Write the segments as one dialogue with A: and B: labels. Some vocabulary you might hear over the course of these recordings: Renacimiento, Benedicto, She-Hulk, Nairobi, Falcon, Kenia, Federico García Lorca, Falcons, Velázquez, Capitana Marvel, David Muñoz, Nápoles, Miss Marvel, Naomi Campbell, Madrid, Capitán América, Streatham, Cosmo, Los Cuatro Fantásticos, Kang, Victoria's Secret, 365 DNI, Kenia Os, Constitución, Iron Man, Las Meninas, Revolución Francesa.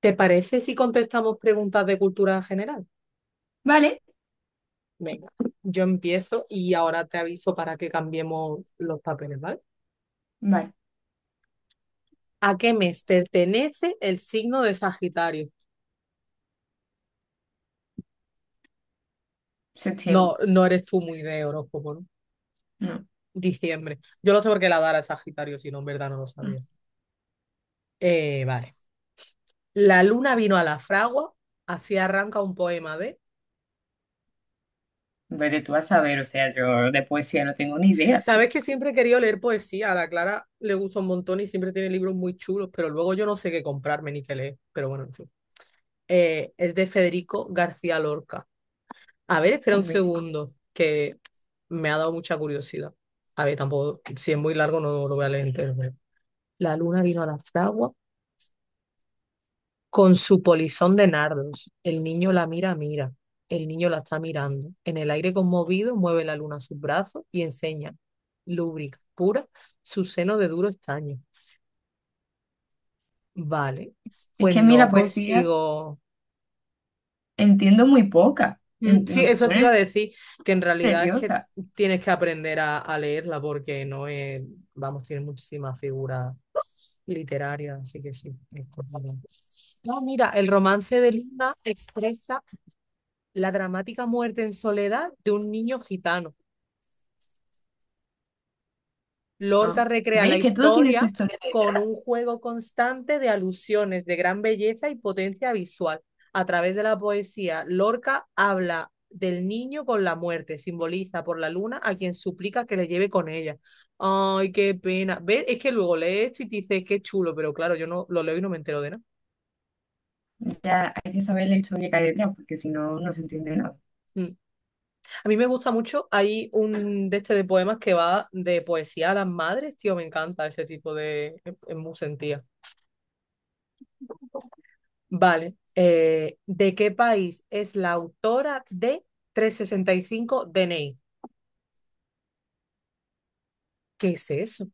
A: ¿Te parece si contestamos preguntas de cultura general?
B: Vale,
A: Venga, yo empiezo y ahora te aviso para que cambiemos los papeles, ¿vale?
B: vale,
A: ¿A qué mes pertenece el signo de Sagitario? No,
B: septiembre.
A: no eres tú muy de horóscopo, ¿no?
B: No,
A: Diciembre. Yo lo sé porque la dara es Sagitario, si no, en verdad no lo
B: no.
A: sabía. Vale. La luna vino a la fragua, así arranca un poema de.
B: Vete tú a saber, o sea, yo de poesía no tengo ni idea.
A: Sabes que siempre he querido leer poesía, a la Clara le gusta un montón y siempre tiene libros muy chulos, pero luego yo no sé qué comprarme ni qué leer, pero bueno, en fin. Es de Federico García Lorca. A ver, espera
B: Un
A: un
B: mítico.
A: segundo, que me ha dado mucha curiosidad. A ver, tampoco, si es muy largo no lo voy a leer entero. La luna vino a la fragua con su polizón de nardos. El niño la mira, mira. El niño la está mirando. En el aire conmovido mueve la luna sus brazos y enseña, lúbrica, pura, su seno de duro estaño. Vale,
B: Es
A: pues
B: que a mí
A: no
B: la poesía
A: consigo.
B: entiendo muy poca,
A: Sí,
B: me
A: eso te iba a
B: pone
A: decir, que en realidad es que
B: nerviosa.
A: tienes que aprender a leerla porque no es, vamos, tiene muchísimas figuras literarias, así que sí, es complicado. No, mira, el romance de Luna expresa la dramática muerte en soledad de un niño gitano.
B: Ah,
A: Lorca recrea la
B: ¿ves que todo tiene su
A: historia
B: historia
A: con
B: detrás?
A: un juego constante de alusiones de gran belleza y potencia visual. A través de la poesía, Lorca habla del niño con la muerte, simboliza por la luna a quien suplica que le lleve con ella. Ay, qué pena. ¿Ves? Es que luego lees esto y te dices, qué chulo, pero claro, yo no lo leo y no me entero de nada.
B: Ya hay que saber la historia que hay detrás, porque si no, no se entiende nada.
A: Mm. A mí me gusta mucho, hay un de este de poemas que va de poesía a las madres, tío, me encanta ese tipo de. Es muy sentía. Vale. ¿De qué país es la autora de 365 DNI? ¿Qué es eso?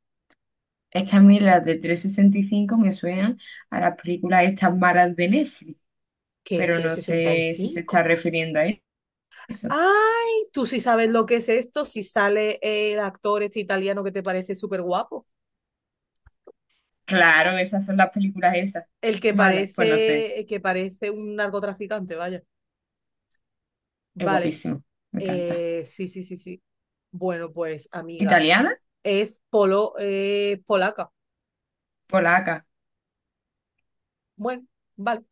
B: Es que a mí las de 365 me suenan a las películas estas malas de Netflix,
A: ¿Qué es
B: pero no
A: trescientos sesenta y
B: sé si se está
A: cinco
B: refiriendo a eso.
A: ¡Ay! Tú sí sabes lo que es esto, si sale el actor este italiano que te parece súper guapo.
B: Claro, esas son las películas esas.
A: El que
B: Malas, pues no sé.
A: parece, el que parece un narcotraficante, vaya.
B: Es
A: Vale.
B: guapísimo, me encanta.
A: Sí, sí, sí, sí. Bueno, pues, amiga,
B: ¿Italiana?
A: es polaca.
B: Polaca.
A: Bueno, vale.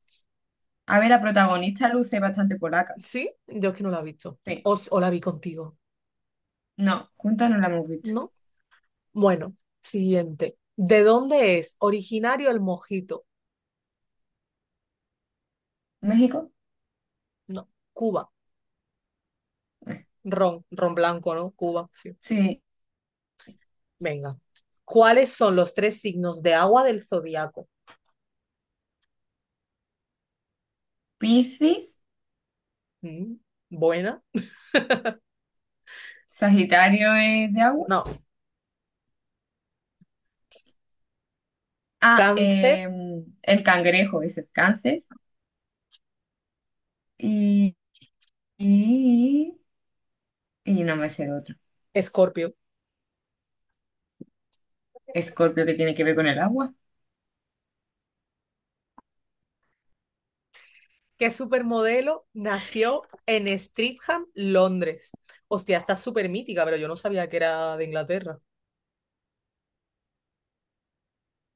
B: A ver, la protagonista luce bastante polaca.
A: Sí, yo es que no la he visto.
B: Sí.
A: O la vi contigo.
B: No, juntas no la hemos visto.
A: ¿No? Bueno, siguiente. ¿De dónde es originario el mojito?
B: ¿México?
A: No, Cuba.
B: Eh,
A: Ron, ron blanco, ¿no? Cuba, sí.
B: Sí.
A: Venga. ¿Cuáles son los tres signos de agua del zodiaco?
B: Piscis,
A: Mm, buena.
B: Sagitario es de agua.
A: No.
B: Ah,
A: Cáncer,
B: eh, el cangrejo es el cáncer. Y, y, y no me sé el otro.
A: Escorpio.
B: Escorpio que tiene que ver con el agua.
A: ¿Qué supermodelo nació en Streatham, Londres? Hostia, está súper mítica, pero yo no sabía que era de Inglaterra.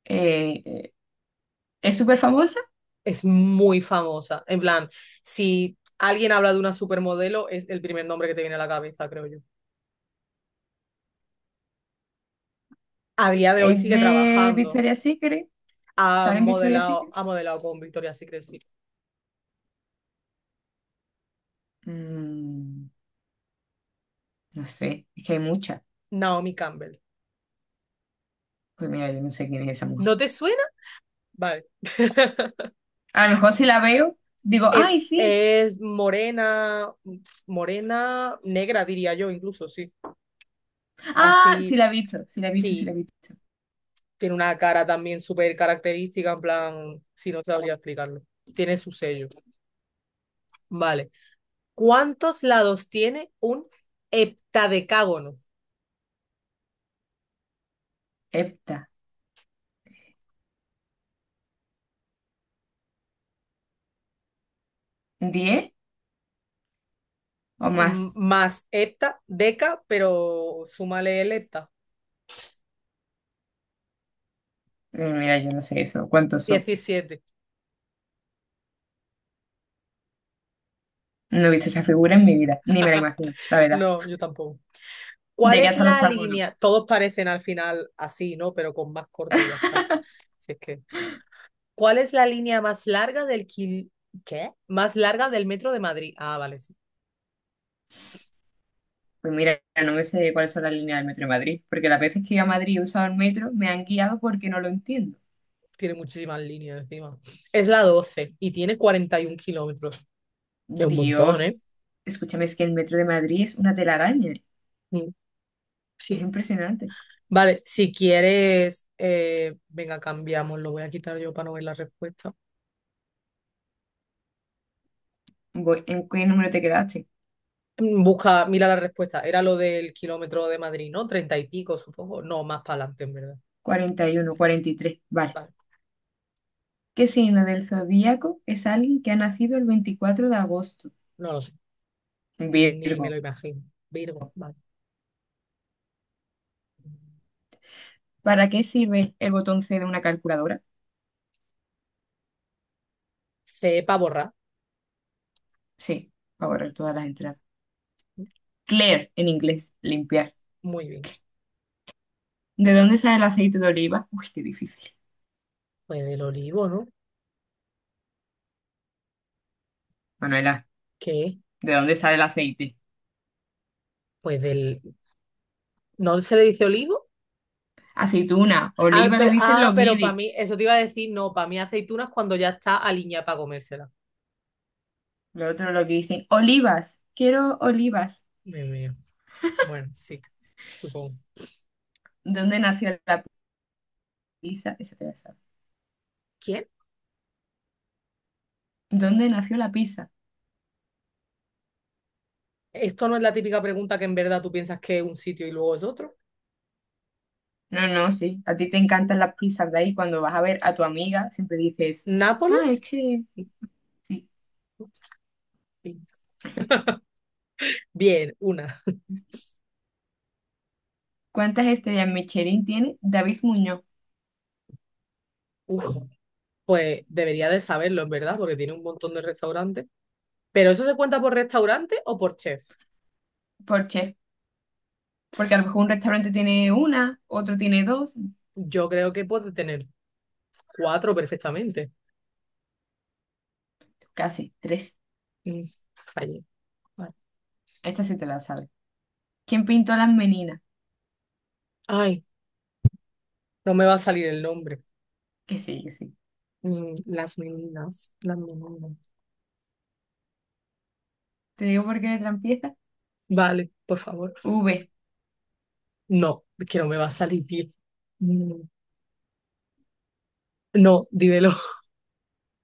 B: Eh, eh, es súper famosa.
A: Es muy famosa. En plan, si alguien habla de una supermodelo, es el primer nombre que te viene a la cabeza, creo yo. A día de hoy
B: Es
A: sigue
B: de
A: trabajando.
B: Victoria's Secret.
A: Ha
B: ¿Sale en Victoria's
A: modelado,
B: Secret?
A: ha modelado con Victoria's Secret, sí.
B: Mm, no sé, es que hay muchas.
A: Naomi Campbell.
B: Pues mira, yo no sé quién es esa mujer.
A: ¿No te suena? Vale.
B: A lo mejor si la veo, digo, ay,
A: Es,
B: sí.
A: es morena, morena, negra diría yo incluso, sí.
B: Ah, sí
A: Así,
B: la he visto, sí la he visto, sí la
A: sí,
B: he visto.
A: tiene una cara también súper característica, en plan, si no sabría explicarlo. Tiene su sello. Vale. ¿Cuántos lados tiene un heptadecágono?
B: Epta, ¿10 o más?
A: Más hepta, deca, pero súmale el hepta.
B: Mira, yo no sé eso, ¿cuántos son?
A: 17.
B: No he visto esa figura en mi vida, ni me la imagino, la verdad.
A: No, yo tampoco. ¿Cuál
B: Llegué
A: es
B: hasta los
A: la
B: tacones.
A: línea? Todos parecen al final así, ¿no? Pero con más corte y ya está. Si es que. ¿Cuál es la línea más larga del kil... ¿Qué? Más larga del metro de Madrid. Ah, vale, sí.
B: Pues mira, no me sé cuáles son las líneas del metro de Madrid, porque las veces que he ido a Madrid y he usado el metro me han guiado porque no lo entiendo.
A: Tiene muchísimas líneas encima. Es la 12 y tiene 41 kilómetros. Es un montón,
B: Dios,
A: ¿eh?
B: escúchame, es que el metro de Madrid es una telaraña,
A: Mm,
B: es
A: Sí.
B: impresionante.
A: Vale, si quieres, venga, cambiamos. Lo voy a quitar yo para no ver la respuesta.
B: Voy, ¿en qué número te quedaste?
A: Busca, mira la respuesta. Era lo del kilómetro de Madrid, ¿no? Treinta y pico, supongo. No, más para adelante, en verdad.
B: 40, 41, 43. Vale.
A: Vale.
B: ¿Qué signo del zodíaco es alguien que ha nacido el 24 de agosto?
A: No lo sé, ni me lo
B: Virgo.
A: imagino. Virgo, vale.
B: ¿Para qué sirve el botón C de una calculadora?
A: Cepa borrar.
B: Sí, para borrar todas las entradas. Clear, en inglés, limpiar.
A: Muy bien.
B: ¿De dónde sale el aceite de oliva? Uy, qué difícil.
A: Pues del olivo, ¿no?
B: Manuela,
A: ¿Qué?
B: ¿de dónde sale el aceite?
A: Pues del. ¿No se le dice olivo?
B: Aceituna, oliva lo dicen
A: Ah,
B: los
A: pero para
B: guiris.
A: mí, eso te iba a decir, no, para mí aceituna es cuando ya está aliñada para comérsela.
B: Lo otro lo que dicen, olivas, quiero olivas.
A: Dios mío. Bueno, sí, supongo.
B: ¿Dónde nació la pizza? Esa te la sabes.
A: ¿Quién?
B: ¿Dónde nació la pizza?
A: Esto no es la típica pregunta que en verdad tú piensas que es un sitio y luego es otro.
B: No, no, sí. A ti te encantan las pizzas de ahí. Cuando vas a ver a tu amiga, siempre dices, ah, es
A: ¿Nápoles?
B: que, sí.
A: Sí. Bien, una.
B: ¿Cuántas estrellas Michelin tiene David Muñoz
A: Uf, pues debería de saberlo, en verdad, porque tiene un montón de restaurantes. ¿Pero eso se cuenta por restaurante o por chef?
B: por chef? Porque a lo mejor un restaurante tiene una, otro tiene dos,
A: Yo creo que puede tener cuatro perfectamente.
B: casi tres.
A: Mm, fallé. Vale.
B: Esta sí te la sabes. ¿Quién pintó las meninas?
A: Ay, no me va a salir el nombre.
B: Que sí, que sí.
A: Las meninas, las meninas.
B: Te digo por qué de trampieza.
A: Vale, por favor.
B: V.
A: No, es que no me va a salir, tío. Mm, no, dímelo.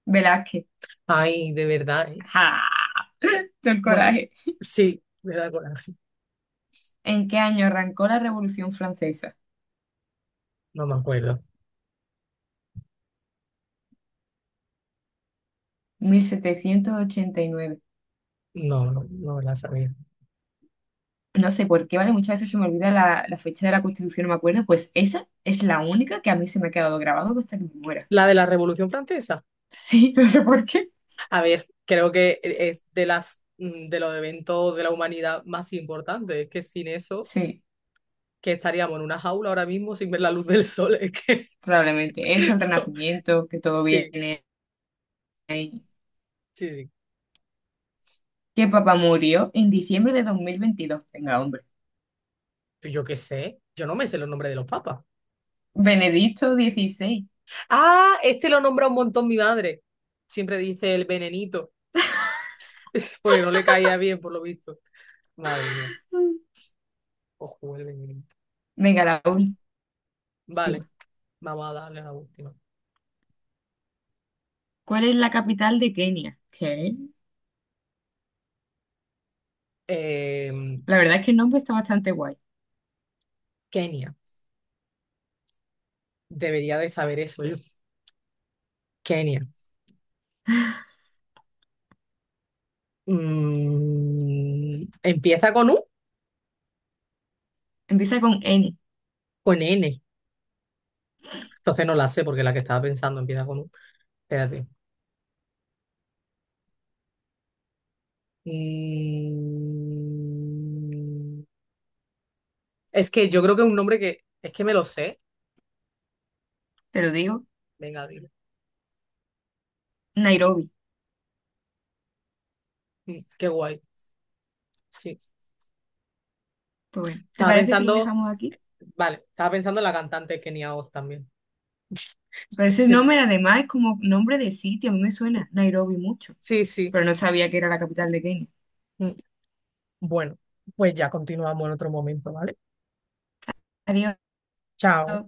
B: Velázquez.
A: Ay, de verdad, ¿eh?
B: ¡Ja! Todo el
A: Bueno,
B: coraje.
A: sí, me da coraje.
B: ¿En qué año arrancó la Revolución Francesa?
A: No me acuerdo.
B: 1789.
A: No, no, no me la sabía.
B: No sé por qué, ¿vale? Muchas veces se me olvida la fecha de la Constitución, no me acuerdo, pues esa es la única que a mí se me ha quedado grabado hasta que me muera.
A: ¿La de la Revolución Francesa?
B: Sí, no sé por qué.
A: A ver, creo que es de las de los eventos de la humanidad más importantes. Es que sin eso,
B: Sí,
A: que estaríamos en una jaula ahora mismo sin ver la luz del sol. Es que
B: probablemente. Eso, el Renacimiento, que todo
A: sí,
B: viene ahí.
A: sí, sí.
B: Que papá murió en diciembre de 2022. Venga, hombre.
A: Pues yo qué sé. Yo no me sé los nombres de los papas.
B: Benedicto XVI.
A: Ah, este lo nombra un montón mi madre. Siempre dice el venenito, porque no le caía bien, por lo visto. Madre mía.
B: Mm.
A: Ojo, el venenito.
B: Venga, la última.
A: Vale, vamos a darle a la última.
B: ¿Cuál es la capital de Kenia? ¿Qué?
A: Em,
B: La verdad es que el nombre está bastante guay.
A: Kenia. Debería de saber eso yo. Kenia. ¿Empieza con U?
B: Empieza con N,
A: Con N. Entonces no la sé porque la que estaba pensando empieza con U. Espérate. Mm, es que yo creo que es un nombre que. Es que me lo sé.
B: te lo digo.
A: Venga, dilo.
B: Nairobi.
A: Qué guay. Sí.
B: Pues bueno, ¿te
A: Estaba
B: parece si lo
A: pensando.
B: dejamos aquí?
A: Vale, estaba pensando en la cantante Kenia Os también.
B: Pero ese
A: ¿Entiendes?
B: nombre además es como nombre de sitio, a mí me suena Nairobi mucho,
A: Sí, sí.
B: pero no sabía que era la capital de Kenia.
A: Mm, Bueno, pues ya continuamos en otro momento, ¿vale?
B: Adiós.
A: Chao.